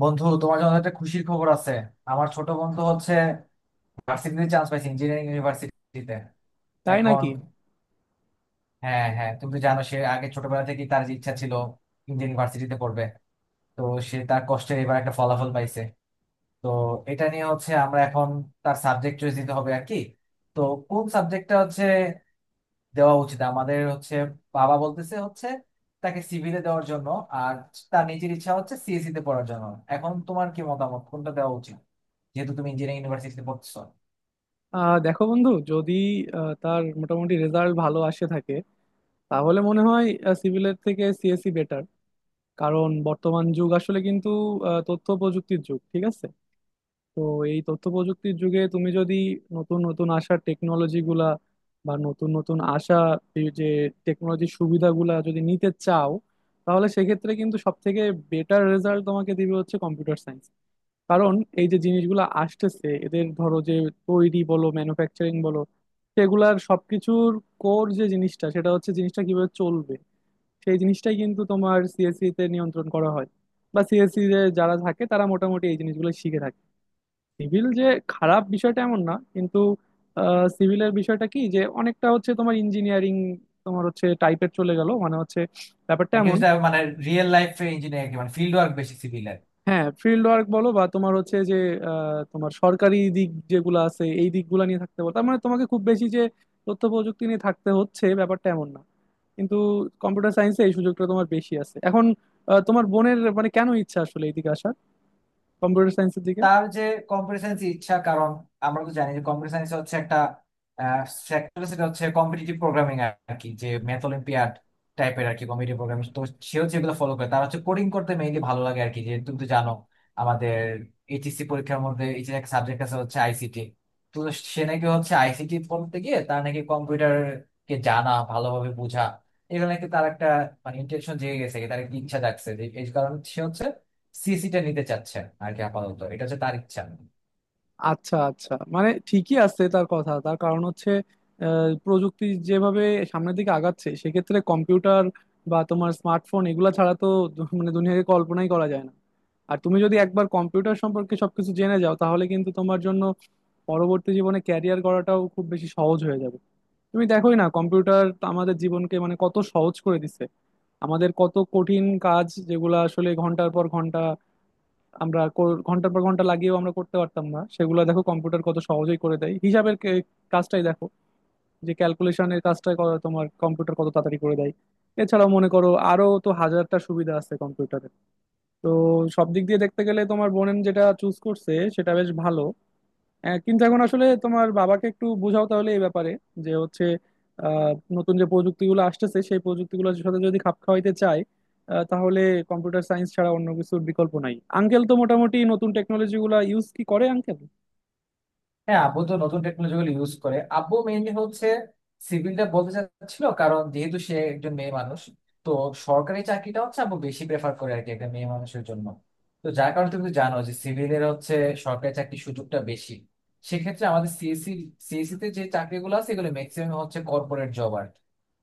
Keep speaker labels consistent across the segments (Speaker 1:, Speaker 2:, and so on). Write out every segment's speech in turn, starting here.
Speaker 1: বন্ধু, তোমার জন্য একটা খুশির খবর আছে। আমার ছোট বন্ধু হচ্ছে ভার্সিটিতে চান্স পাইছে, ইঞ্জিনিয়ারিং ইউনিভার্সিটিতে।
Speaker 2: তাই
Speaker 1: এখন
Speaker 2: নাকি?
Speaker 1: হ্যাঁ হ্যাঁ, তুমি তো জানো সে আগে ছোটবেলা থেকেই তার যে ইচ্ছা ছিল ইঞ্জিনিয়ারিং ভার্সিটিতে পড়বে। তো সে তার কষ্টে এবার একটা ফলাফল পাইছে। তো এটা নিয়ে হচ্ছে আমরা এখন তার সাবজেক্ট চয়েস দিতে হবে আর কি। তো কোন সাবজেক্টটা হচ্ছে দেওয়া উচিত আমাদের হচ্ছে, বাবা বলতেছে হচ্ছে তাকে সিভিলে দেওয়ার জন্য, আর তার নিজের ইচ্ছা হচ্ছে সিএসসি তে পড়ার জন্য। এখন তোমার কি মতামত কোনটা দেওয়া উচিত, যেহেতু তুমি ইঞ্জিনিয়ারিং ইউনিভার্সিটিতে পড়ছো?
Speaker 2: দেখো বন্ধু, যদি তার মোটামুটি রেজাল্ট ভালো আসে থাকে, তাহলে মনে হয় সিভিলের থেকে সিএসসি বেটার। কারণ বর্তমান যুগ আসলে কিন্তু তথ্য প্রযুক্তির যুগ, ঠিক আছে? তো এই তথ্য প্রযুক্তির যুগে তুমি যদি নতুন নতুন আসা টেকনোলজি গুলা বা নতুন নতুন আসা এই যে টেকনোলজির সুবিধাগুলা যদি নিতে চাও, তাহলে সেক্ষেত্রে কিন্তু সব থেকে বেটার রেজাল্ট তোমাকে দিবে হচ্ছে কম্পিউটার সায়েন্স। কারণ এই যে জিনিসগুলো আসতেছে এদের ধরো যে তৈরি বলো ম্যানুফ্যাকচারিং বলো, সেগুলার সবকিছুর কোর যে জিনিসটা সেটা হচ্ছে জিনিসটা কিভাবে চলবে, সেই জিনিসটাই কিন্তু তোমার সিএসসি তে নিয়ন্ত্রণ করা হয়। বা সিএসসি তে যারা থাকে তারা মোটামুটি এই জিনিসগুলো শিখে থাকে। সিভিল যে খারাপ বিষয়টা এমন না, কিন্তু সিভিলের বিষয়টা কি যে অনেকটা হচ্ছে তোমার ইঞ্জিনিয়ারিং তোমার হচ্ছে টাইপের চলে গেল, মানে হচ্ছে ব্যাপারটা
Speaker 1: নাকি
Speaker 2: এমন।
Speaker 1: সেটা মানে রিয়েল লাইফে ইঞ্জিনিয়ারিং মানে ফিল্ড ওয়ার্ক বেশি সিভিলের?
Speaker 2: হ্যাঁ, ফিল্ড ওয়ার্ক বলো বা তোমার হচ্ছে যে তোমার সরকারি দিক যেগুলো আছে এই দিকগুলো নিয়ে থাকতে পারো, তার মানে তোমাকে খুব বেশি যে তথ্য প্রযুক্তি নিয়ে থাকতে হচ্ছে ব্যাপারটা এমন না। কিন্তু কম্পিউটার সায়েন্সে এই সুযোগটা তোমার বেশি আছে এখন। তোমার বোনের মানে কেন ইচ্ছা আসলে এইদিকে আসার, কম্পিউটার সায়েন্সের দিকে?
Speaker 1: তার যে কম্পিউটার ইচ্ছা, কারণ আমরা তো জানি যে কম্পিউটার সায়েন্স হচ্ছে একটা সেক্টর, সেটা হচ্ছে কম্পিটিটিভ প্রোগ্রামিং আর কি, যে ম্যাথ অলিম্পিয়াড টাইপের আর কি, কম্পিটিটিভ প্রোগ্রামিং। তো সে হচ্ছে এগুলো ফলো করে, তার হচ্ছে কোডিং করতে মেইনলি ভালো লাগে আর কি। যে তুমি তো জানো আমাদের এইচএসসি পরীক্ষার মধ্যে এই যে একটা সাবজেক্ট আছে হচ্ছে আইসিটি। তো সে নাকি হচ্ছে আইসিটি পড়তে গিয়ে তার নাকি কম্পিউটারকে জানা, ভালোভাবে বোঝা, এগুলো নাকি তার একটা মানে ইন্টেনশন জেগে গেছে, তার একটা ইচ্ছা জাগছে। যে এই কারণে সে হচ্ছে সিএসিটা নিতে চাচ্ছে আর কি। আপাতত এটা হচ্ছে তার ইচ্ছা।
Speaker 2: আচ্ছা আচ্ছা, মানে ঠিকই আছে তার কথা, তার কারণ হচ্ছে প্রযুক্তি যেভাবে সামনের দিকে আগাচ্ছে সেক্ষেত্রে কম্পিউটার বা তোমার স্মার্টফোন এগুলা ছাড়া তো মানে দুনিয়াকে কল্পনাই করা যায় না। আর তুমি যদি একবার কম্পিউটার সম্পর্কে সবকিছু জেনে যাও তাহলে কিন্তু তোমার জন্য পরবর্তী জীবনে ক্যারিয়ার গড়াটাও খুব বেশি সহজ হয়ে যাবে। তুমি দেখোই না কম্পিউটার আমাদের জীবনকে মানে কত সহজ করে দিছে। আমাদের কত কঠিন কাজ যেগুলো আসলে ঘন্টার পর ঘন্টা আমরা ঘন্টার পর ঘন্টা লাগিয়েও আমরা করতে পারতাম না সেগুলো দেখো কম্পিউটার কত সহজেই করে দেয়। হিসাবের কাজটাই দেখো, যে ক্যালকুলেশনের কাজটা তোমার কম্পিউটার কত তাড়াতাড়ি করে দেয়। এছাড়াও মনে করো আরো তো হাজারটা সুবিধা আছে কম্পিউটারে। তো সব দিক দিয়ে দেখতে গেলে তোমার বোনেন যেটা চুজ করছে সেটা বেশ ভালো। হ্যাঁ, কিন্তু এখন আসলে তোমার বাবাকে একটু বোঝাও তাহলে এই ব্যাপারে যে হচ্ছে নতুন যে প্রযুক্তিগুলো আসতেছে সেই প্রযুক্তিগুলোর সাথে যদি খাপ খাওয়াইতে চায় তাহলে কম্পিউটার সায়েন্স ছাড়া অন্য কিছুর বিকল্প নাই। আঙ্কেল তো মোটামুটি নতুন টেকনোলজি গুলা ইউজ কি করে আঙ্কেল?
Speaker 1: হ্যাঁ, আব্বু তো নতুন টেকনোলজি গুলো ইউজ করে, আব্বু মেইনলি হচ্ছে সিভিলটা বলতে চাচ্ছিল, কারণ যেহেতু সে একজন মেয়ে মানুষ। তো সরকারি চাকরিটা হচ্ছে আব্বু বেশি প্রেফার করে আর কি, একটা মেয়ে মানুষের জন্য। তো যার কারণে তুমি তো জানো যে সিভিলের হচ্ছে সরকারি চাকরির সুযোগটা বেশি। সেক্ষেত্রে আমাদের সিএসসি, সিএসসি তে যে চাকরিগুলো আছে, এগুলো ম্যাক্সিমাম হচ্ছে কর্পোরেট জব আর কি।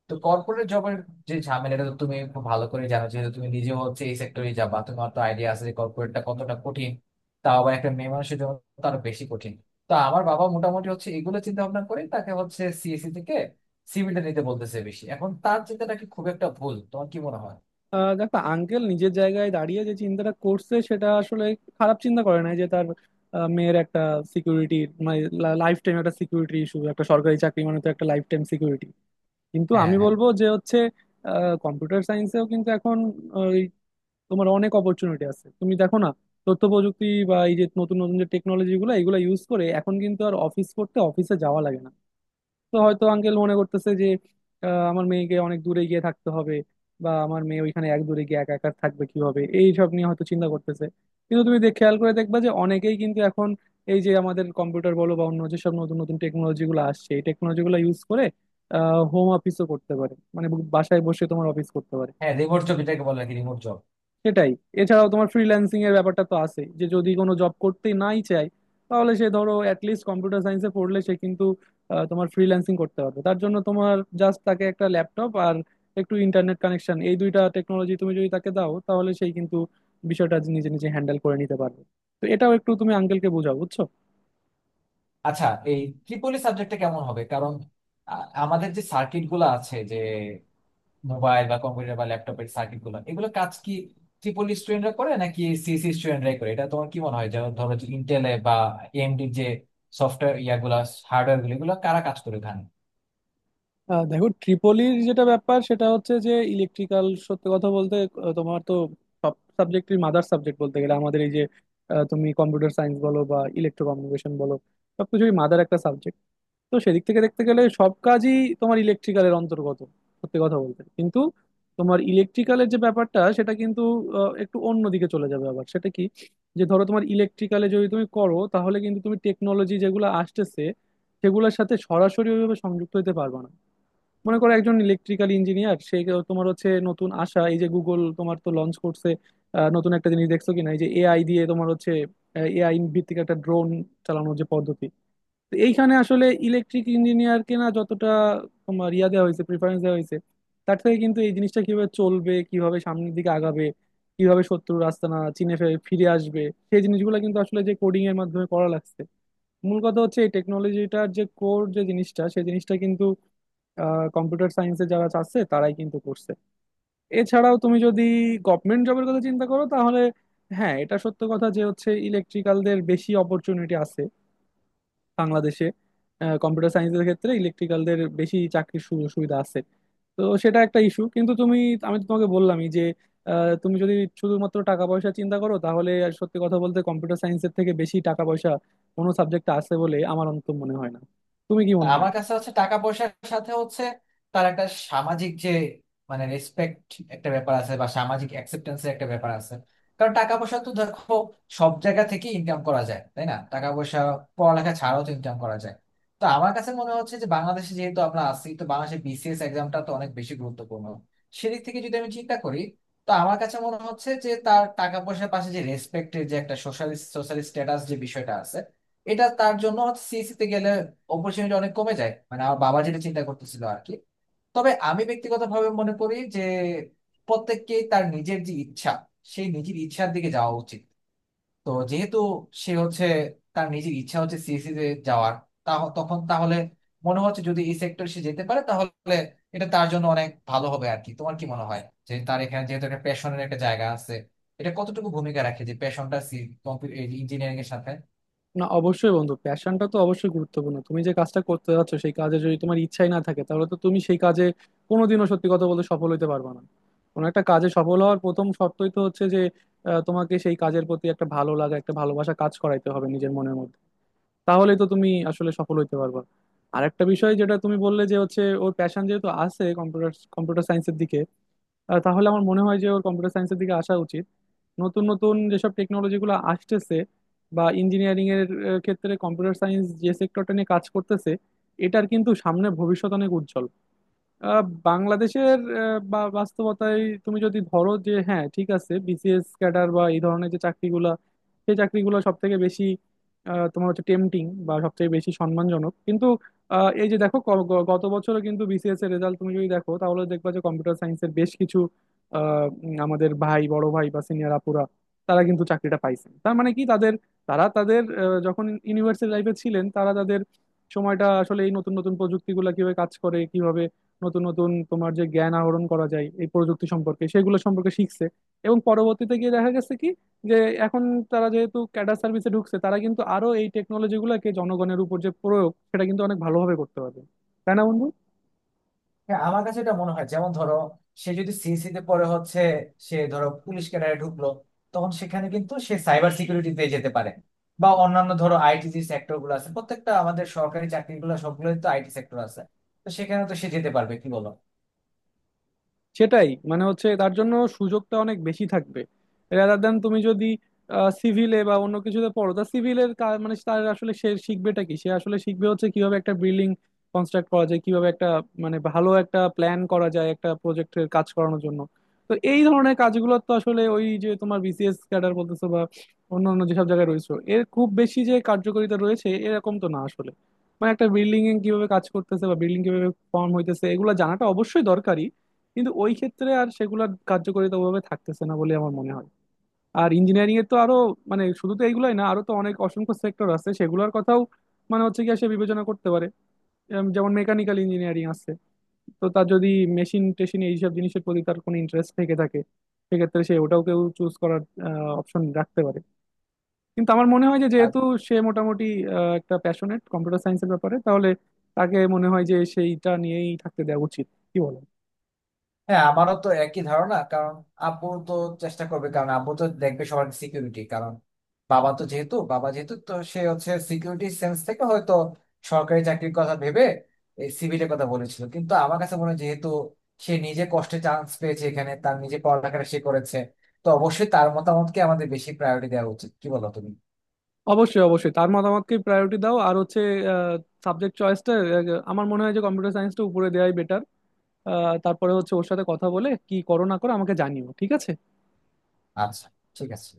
Speaker 1: তো কর্পোরেট জবের যে ঝামেলাটা তো তুমি খুব ভালো করে জানো, যেহেতু তুমি নিজে হচ্ছে এই সেক্টরে যাবা, তোমার তো আইডিয়া আছে যে কর্পোরেটটা কতটা কঠিন, তাও আবার একটা মেয়ে মানুষের জন্য তো আরো বেশি কঠিন। তা আমার বাবা মোটামুটি হচ্ছে এগুলো চিন্তা ভাবনা করে তাকে হচ্ছে সিএসসি থেকে সিভিলটা নিতে বলতেছে বেশি। এখন তার চিন্তাটা কি খুব একটা ভুল, তোমার কি মনে হয়?
Speaker 2: দেখো, আঙ্কেল নিজের জায়গায় দাঁড়িয়ে যে চিন্তাটা করছে সেটা আসলে খারাপ চিন্তা করে নাই, যে তার মেয়ের একটা সিকিউরিটি, মানে লাইফ টাইম একটা সিকিউরিটি ইস্যু, একটা সরকারি চাকরি মানে তো একটা লাইফ টাইম সিকিউরিটি। কিন্তু
Speaker 1: হ্যাঁ
Speaker 2: আমি
Speaker 1: হ্যাঁ।
Speaker 2: বলবো যে হচ্ছে কম্পিউটার সায়েন্সেও কিন্তু এখন ওই তোমার অনেক অপরচুনিটি আছে। তুমি দেখো না তথ্য প্রযুক্তি বা এই যে নতুন নতুন যে টেকনোলজি গুলো এগুলো ইউজ করে এখন কিন্তু আর অফিস করতে অফিসে যাওয়া লাগে না। তো হয়তো আঙ্কেল মনে করতেছে যে আমার মেয়েকে অনেক দূরে গিয়ে থাকতে হবে বা আমার মেয়ে ওইখানে এক দূরে গিয়ে একা একা থাকবে কিভাবে, এই সব নিয়ে হয়তো চিন্তা করতেছে। কিন্তু তুমি দেখ খেয়াল করে দেখবা যে অনেকেই কিন্তু এখন এই যে আমাদের কম্পিউটার বলো বা অন্য যেসব নতুন নতুন টেকনোলজি গুলো আসছে এই টেকনোলজি গুলো ইউজ করে হোম অফিসও করতে পারে, মানে বাসায় বসে তোমার অফিস করতে পারে।
Speaker 1: হ্যাঁ, রিমোট জব এটাকে বলে নাকি, রিমোট জব?
Speaker 2: সেটাই। এছাড়াও তোমার ফ্রিল্যান্সিং এর ব্যাপারটা তো আছে যে যদি কোনো জব করতে নাই চায় তাহলে সে ধরো অ্যাটলিস্ট কম্পিউটার সায়েন্সে পড়লে সে কিন্তু তোমার ফ্রিল্যান্সিং করতে পারবে। তার জন্য তোমার জাস্ট তাকে একটা ল্যাপটপ আর একটু ইন্টারনেট কানেকশন এই দুইটা টেকনোলজি তুমি যদি তাকে দাও তাহলে সেই কিন্তু বিষয়টা নিজে নিজে হ্যান্ডেল করে নিতে পারবে। তো এটাও একটু তুমি আঙ্কেলকে বোঝাও বুঝছো?
Speaker 1: আচ্ছা, এই ত্রিপলি সাবজেক্টটা কেমন হবে? কারণ আ- আমাদের যে সার্কিট গুলো আছে, যে মোবাইল বা কম্পিউটার বা ল্যাপটপের সার্কিট গুলো, এগুলো কাজ কি ত্রিপলি স্টুডেন্টরা করে নাকি সিএসসি স্টুডেন্টরাই করে, এটা তোমার কি মনে হয়? যেমন ধরো যে ইন্টেলে বা এএমডি যে সফটওয়্যার ইয়াগুলা, হার্ডওয়্যার গুলো, এগুলো কারা কাজ করে ওখানে?
Speaker 2: দেখো, ট্রিপলির যেটা ব্যাপার সেটা হচ্ছে যে ইলেকট্রিক্যাল সত্যি কথা বলতে তোমার তো সব সাবজেক্টের মাদার সাবজেক্ট বলতে গেলে আমাদের এই যে তুমি কম্পিউটার সায়েন্স বলো বা ইলেকট্রো কমিউনিকেশন বলো, সবকিছুই মাদার একটা সাবজেক্ট। তো সেদিক থেকে দেখতে গেলে সব কাজই তোমার ইলেকট্রিক্যালের অন্তর্গত সত্যি কথা বলতে। কিন্তু তোমার ইলেকট্রিক্যালের যে ব্যাপারটা সেটা কিন্তু একটু অন্য দিকে চলে যাবে আবার সেটা কি, যে ধরো তোমার ইলেকট্রিক্যালে যদি তুমি করো তাহলে কিন্তু তুমি টেকনোলজি যেগুলো আসতেছে সেগুলোর সাথে সরাসরি ওইভাবে সংযুক্ত হতে পারবে না। মনে করো একজন ইলেকট্রিক্যাল ইঞ্জিনিয়ার সে তোমার হচ্ছে নতুন আশা এই যে গুগল তোমার তো লঞ্চ করছে নতুন একটা জিনিস দেখছো কিনা এই যে এআই দিয়ে তোমার হচ্ছে এআই ভিত্তিক একটা ড্রোন চালানোর যে পদ্ধতি। তো এইখানে আসলে ইলেকট্রিক ইঞ্জিনিয়ারকে না যতটা তোমার ইয়া দেওয়া হয়েছে প্রিফারেন্স দেওয়া হয়েছে তার থেকে কিন্তু এই জিনিসটা কিভাবে চলবে কিভাবে সামনের দিকে আগাবে কিভাবে শত্রুর আস্তানা চিনে ফিরে আসবে সেই জিনিসগুলো কিন্তু আসলে যে কোডিং এর মাধ্যমে করা লাগছে। মূল কথা হচ্ছে এই টেকনোলজিটার যে কোর যে জিনিসটা সেই জিনিসটা কিন্তু কম্পিউটার সায়েন্সে যারা চাচ্ছে তারাই কিন্তু করছে। এছাড়াও তুমি যদি গভর্নমেন্ট জবের কথা চিন্তা করো তাহলে হ্যাঁ, এটা সত্য কথা যে হচ্ছে ইলেকট্রিক্যালদের বেশি অপরচুনিটি আছে বাংলাদেশে, কম্পিউটার সায়েন্সের ক্ষেত্রে ইলেকট্রিক্যালদের বেশি চাকরির সুযোগ সুবিধা আছে। তো সেটা একটা ইস্যু, কিন্তু তুমি আমি তো তোমাকে বললামই যে তুমি যদি শুধুমাত্র টাকা পয়সা চিন্তা করো তাহলে আর সত্যি কথা বলতে কম্পিউটার সায়েন্সের থেকে বেশি টাকা পয়সা কোনো সাবজেক্ট আছে বলে আমার অন্তত মনে হয় না। তুমি কি মনে হয়?
Speaker 1: আমার কাছে হচ্ছে টাকা পয়সার সাথে হচ্ছে তার একটা সামাজিক যে মানে রেসপেক্ট, একটা ব্যাপার আছে, বা সামাজিক অ্যাকসেপ্টেন্স একটা ব্যাপার আছে। কারণ টাকা পয়সা তো দেখো সব জায়গা থেকে ইনকাম করা যায়, তাই না? টাকা পয়সা পড়ালেখা ছাড়াও তো ইনকাম করা যায়। তো আমার কাছে মনে হচ্ছে যে বাংলাদেশে যেহেতু আমরা আছি, তো বাংলাদেশে বিসিএস এক্সামটা তো অনেক বেশি গুরুত্বপূর্ণ। সেদিক থেকে যদি আমি চিন্তা করি, তো আমার কাছে মনে হচ্ছে যে তার টাকা পয়সার পাশে যে রেসপেক্টের যে একটা সোশ্যাল, স্ট্যাটাস যে বিষয়টা আছে, এটা তার জন্য সিএসসি তে গেলে অপরচুনিটি অনেক কমে যায়, মানে আমার বাবা যেটা চিন্তা করতেছিল আর কি। তবে আমি ব্যক্তিগতভাবে মনে করি যে প্রত্যেককেই তার নিজের যে ইচ্ছা, সেই নিজের ইচ্ছার দিকে যাওয়া উচিত। তো যেহেতু সে হচ্ছে, তার নিজের ইচ্ছা হচ্ছে সিএসসি তে যাওয়ার, তখন তাহলে মনে হচ্ছে যদি এই সেক্টরে সে যেতে পারে তাহলে এটা তার জন্য অনেক ভালো হবে আর কি। তোমার কি মনে হয় যে তার এখানে যেহেতু একটা প্যাশনের একটা জায়গা আছে, এটা কতটুকু ভূমিকা রাখে, যে প্যাশনটা ইঞ্জিনিয়ারিং এর সাথে?
Speaker 2: না, অবশ্যই বন্ধু প্যাশনটা তো অবশ্যই গুরুত্বপূর্ণ, তুমি যে কাজটা করতে যাচ্ছ সেই কাজে যদি তোমার ইচ্ছাই না থাকে তাহলে তো তুমি সেই কাজে কোনোদিনও সত্যি কথা বলতে সফল হতে পারবে না। কোনো একটা কাজে সফল হওয়ার প্রথম শর্তই তো হচ্ছে যে তোমাকে সেই কাজের প্রতি একটা ভালো লাগা একটা ভালোবাসা কাজ করাইতে হবে নিজের মনের মধ্যে, তাহলেই তো তুমি আসলে সফল হইতে পারবে। আর একটা বিষয় যেটা তুমি বললে যে হচ্ছে ওর প্যাশন যেহেতু আছে কম্পিউটার কম্পিউটার সায়েন্সের দিকে, তাহলে আমার মনে হয় যে ওর কম্পিউটার সায়েন্সের দিকে আসা উচিত। নতুন নতুন যেসব টেকনোলজি গুলো আসতেছে বা ইঞ্জিনিয়ারিং এর ক্ষেত্রে কম্পিউটার সায়েন্স যে সেক্টরটা নিয়ে কাজ করতেছে এটার কিন্তু সামনে ভবিষ্যৎ অনেক উজ্জ্বল। আহ, বাংলাদেশের বাস্তবতায় তুমি যদি ধরো যে হ্যাঁ ঠিক আছে বিসিএস ক্যাডার বা এই ধরনের যে চাকরিগুলা সেই চাকরিগুলো সব থেকে বেশি তোমার হচ্ছে টেম্পটিং বা সব থেকে বেশি সম্মানজনক। কিন্তু এই যে দেখো গত বছরও কিন্তু বিসিএস এর রেজাল্ট তুমি যদি দেখো তাহলে দেখবা যে কম্পিউটার সায়েন্সের বেশ কিছু আমাদের বড় ভাই বা সিনিয়র আপুরা তারা কিন্তু চাকরিটা পাইছেন। তার মানে কি তাদের, তারা তাদের যখন ইউনিভার্সিটি লাইফে ছিলেন তারা তাদের সময়টা আসলে এই নতুন নতুন প্রযুক্তিগুলো কিভাবে কাজ করে কিভাবে নতুন নতুন তোমার যে জ্ঞান আহরণ করা যায় এই প্রযুক্তি সম্পর্কে সেগুলো সম্পর্কে শিখছে। এবং পরবর্তীতে গিয়ে দেখা গেছে কি যে এখন তারা যেহেতু ক্যাডার সার্ভিসে ঢুকছে তারা কিন্তু আরো এই টেকনোলজি গুলোকে জনগণের উপর যে প্রয়োগ সেটা কিন্তু অনেক ভালোভাবে করতে পারবে, তাই না বন্ধু?
Speaker 1: হ্যাঁ, আমার কাছে এটা মনে হয়, যেমন ধরো সে যদি সিএসসি তে পরে হচ্ছে, সে ধরো পুলিশ ক্যাডারে ঢুকলো, তখন সেখানে কিন্তু সে সাইবার সিকিউরিটিতে যেতে পারে, বা অন্যান্য ধরো আইটি যে সেক্টর গুলো আছে প্রত্যেকটা, আমাদের সরকারি চাকরিগুলো সবগুলোই তো আইটি সেক্টর আছে। তো সেখানে তো সে যেতে পারবে, কি বলো?
Speaker 2: সেটাই, মানে হচ্ছে তার জন্য সুযোগটা অনেক বেশি থাকবে রাদার দেন তুমি যদি সিভিলে বা অন্য কিছুতে পড়ো। তা সিভিলের মানে তার আসলে সে শিখবেটা কি, সে আসলে শিখবে হচ্ছে কিভাবে একটা বিল্ডিং কনস্ট্রাক্ট করা যায় কিভাবে একটা মানে ভালো একটা প্ল্যান করা যায় একটা প্রজেক্টের কাজ করানোর জন্য। তো এই ধরনের কাজগুলো তো আসলে ওই যে তোমার বিসিএস ক্যাডার বলতেছো বা অন্য অন্য যেসব জায়গায় রয়েছে এর খুব বেশি যে কার্যকারিতা রয়েছে এরকম তো না আসলে। মানে একটা বিল্ডিং এ কিভাবে কাজ করতেছে বা বিল্ডিং কিভাবে ফর্ম হইতেছে এগুলো জানাটা অবশ্যই দরকারি, কিন্তু ওই ক্ষেত্রে আর সেগুলোর কার্যকারিতা ওভাবে থাকতেছে না বলে আমার মনে হয়। আর ইঞ্জিনিয়ারিং এর তো আরো মানে শুধু তো এইগুলাই না আরো তো অনেক অসংখ্য সেক্টর আছে সেগুলোর কথাও মানে হচ্ছে কি সে বিবেচনা করতে পারে। এরম যেমন মেকানিক্যাল ইঞ্জিনিয়ারিং আছে, তো তার যদি মেশিন টেশিন এইসব জিনিসের প্রতি তার কোনো ইন্টারেস্ট থেকে থাকে সেক্ষেত্রে সে ওটাও কেউ চুজ করার অপশন রাখতে পারে। কিন্তু আমার মনে হয় যে যেহেতু সে মোটামুটি একটা প্যাশনেট কম্পিউটার সায়েন্সের ব্যাপারে তাহলে তাকে মনে হয় যে সেইটা নিয়েই থাকতে দেওয়া উচিত, কি বলো?
Speaker 1: হ্যাঁ, আমারও তো একই ধারণা। কারণ আব্বু তো চেষ্টা করবে, কারণ আব্বু তো দেখবে সবার সিকিউরিটি। কারণ বাবা তো যেহেতু, বাবা যেহেতু তো সে হচ্ছে সিকিউরিটি সেন্স থেকে হয়তো সরকারি চাকরির কথা ভেবে এই সিভিলের কথা বলেছিল। কিন্তু আমার কাছে মনে হয় যেহেতু সে নিজে কষ্টে চান্স পেয়েছে এখানে, তার নিজে পড়ালেখাটা সে করেছে, তো অবশ্যই তার মতামতকে আমাদের বেশি প্রায়োরিটি দেওয়া উচিত, কি বলো তুমি?
Speaker 2: অবশ্যই অবশ্যই তার মতামতকে প্রায়োরিটি দাও, আর হচ্ছে সাবজেক্ট চয়েসটা আমার মনে হয় যে কম্পিউটার সায়েন্সটা উপরে দেওয়াই বেটার। তারপরে হচ্ছে ওর সাথে কথা বলে কি করো না করো আমাকে জানিও, ঠিক আছে?
Speaker 1: আচ্ছা, ঠিক আছে।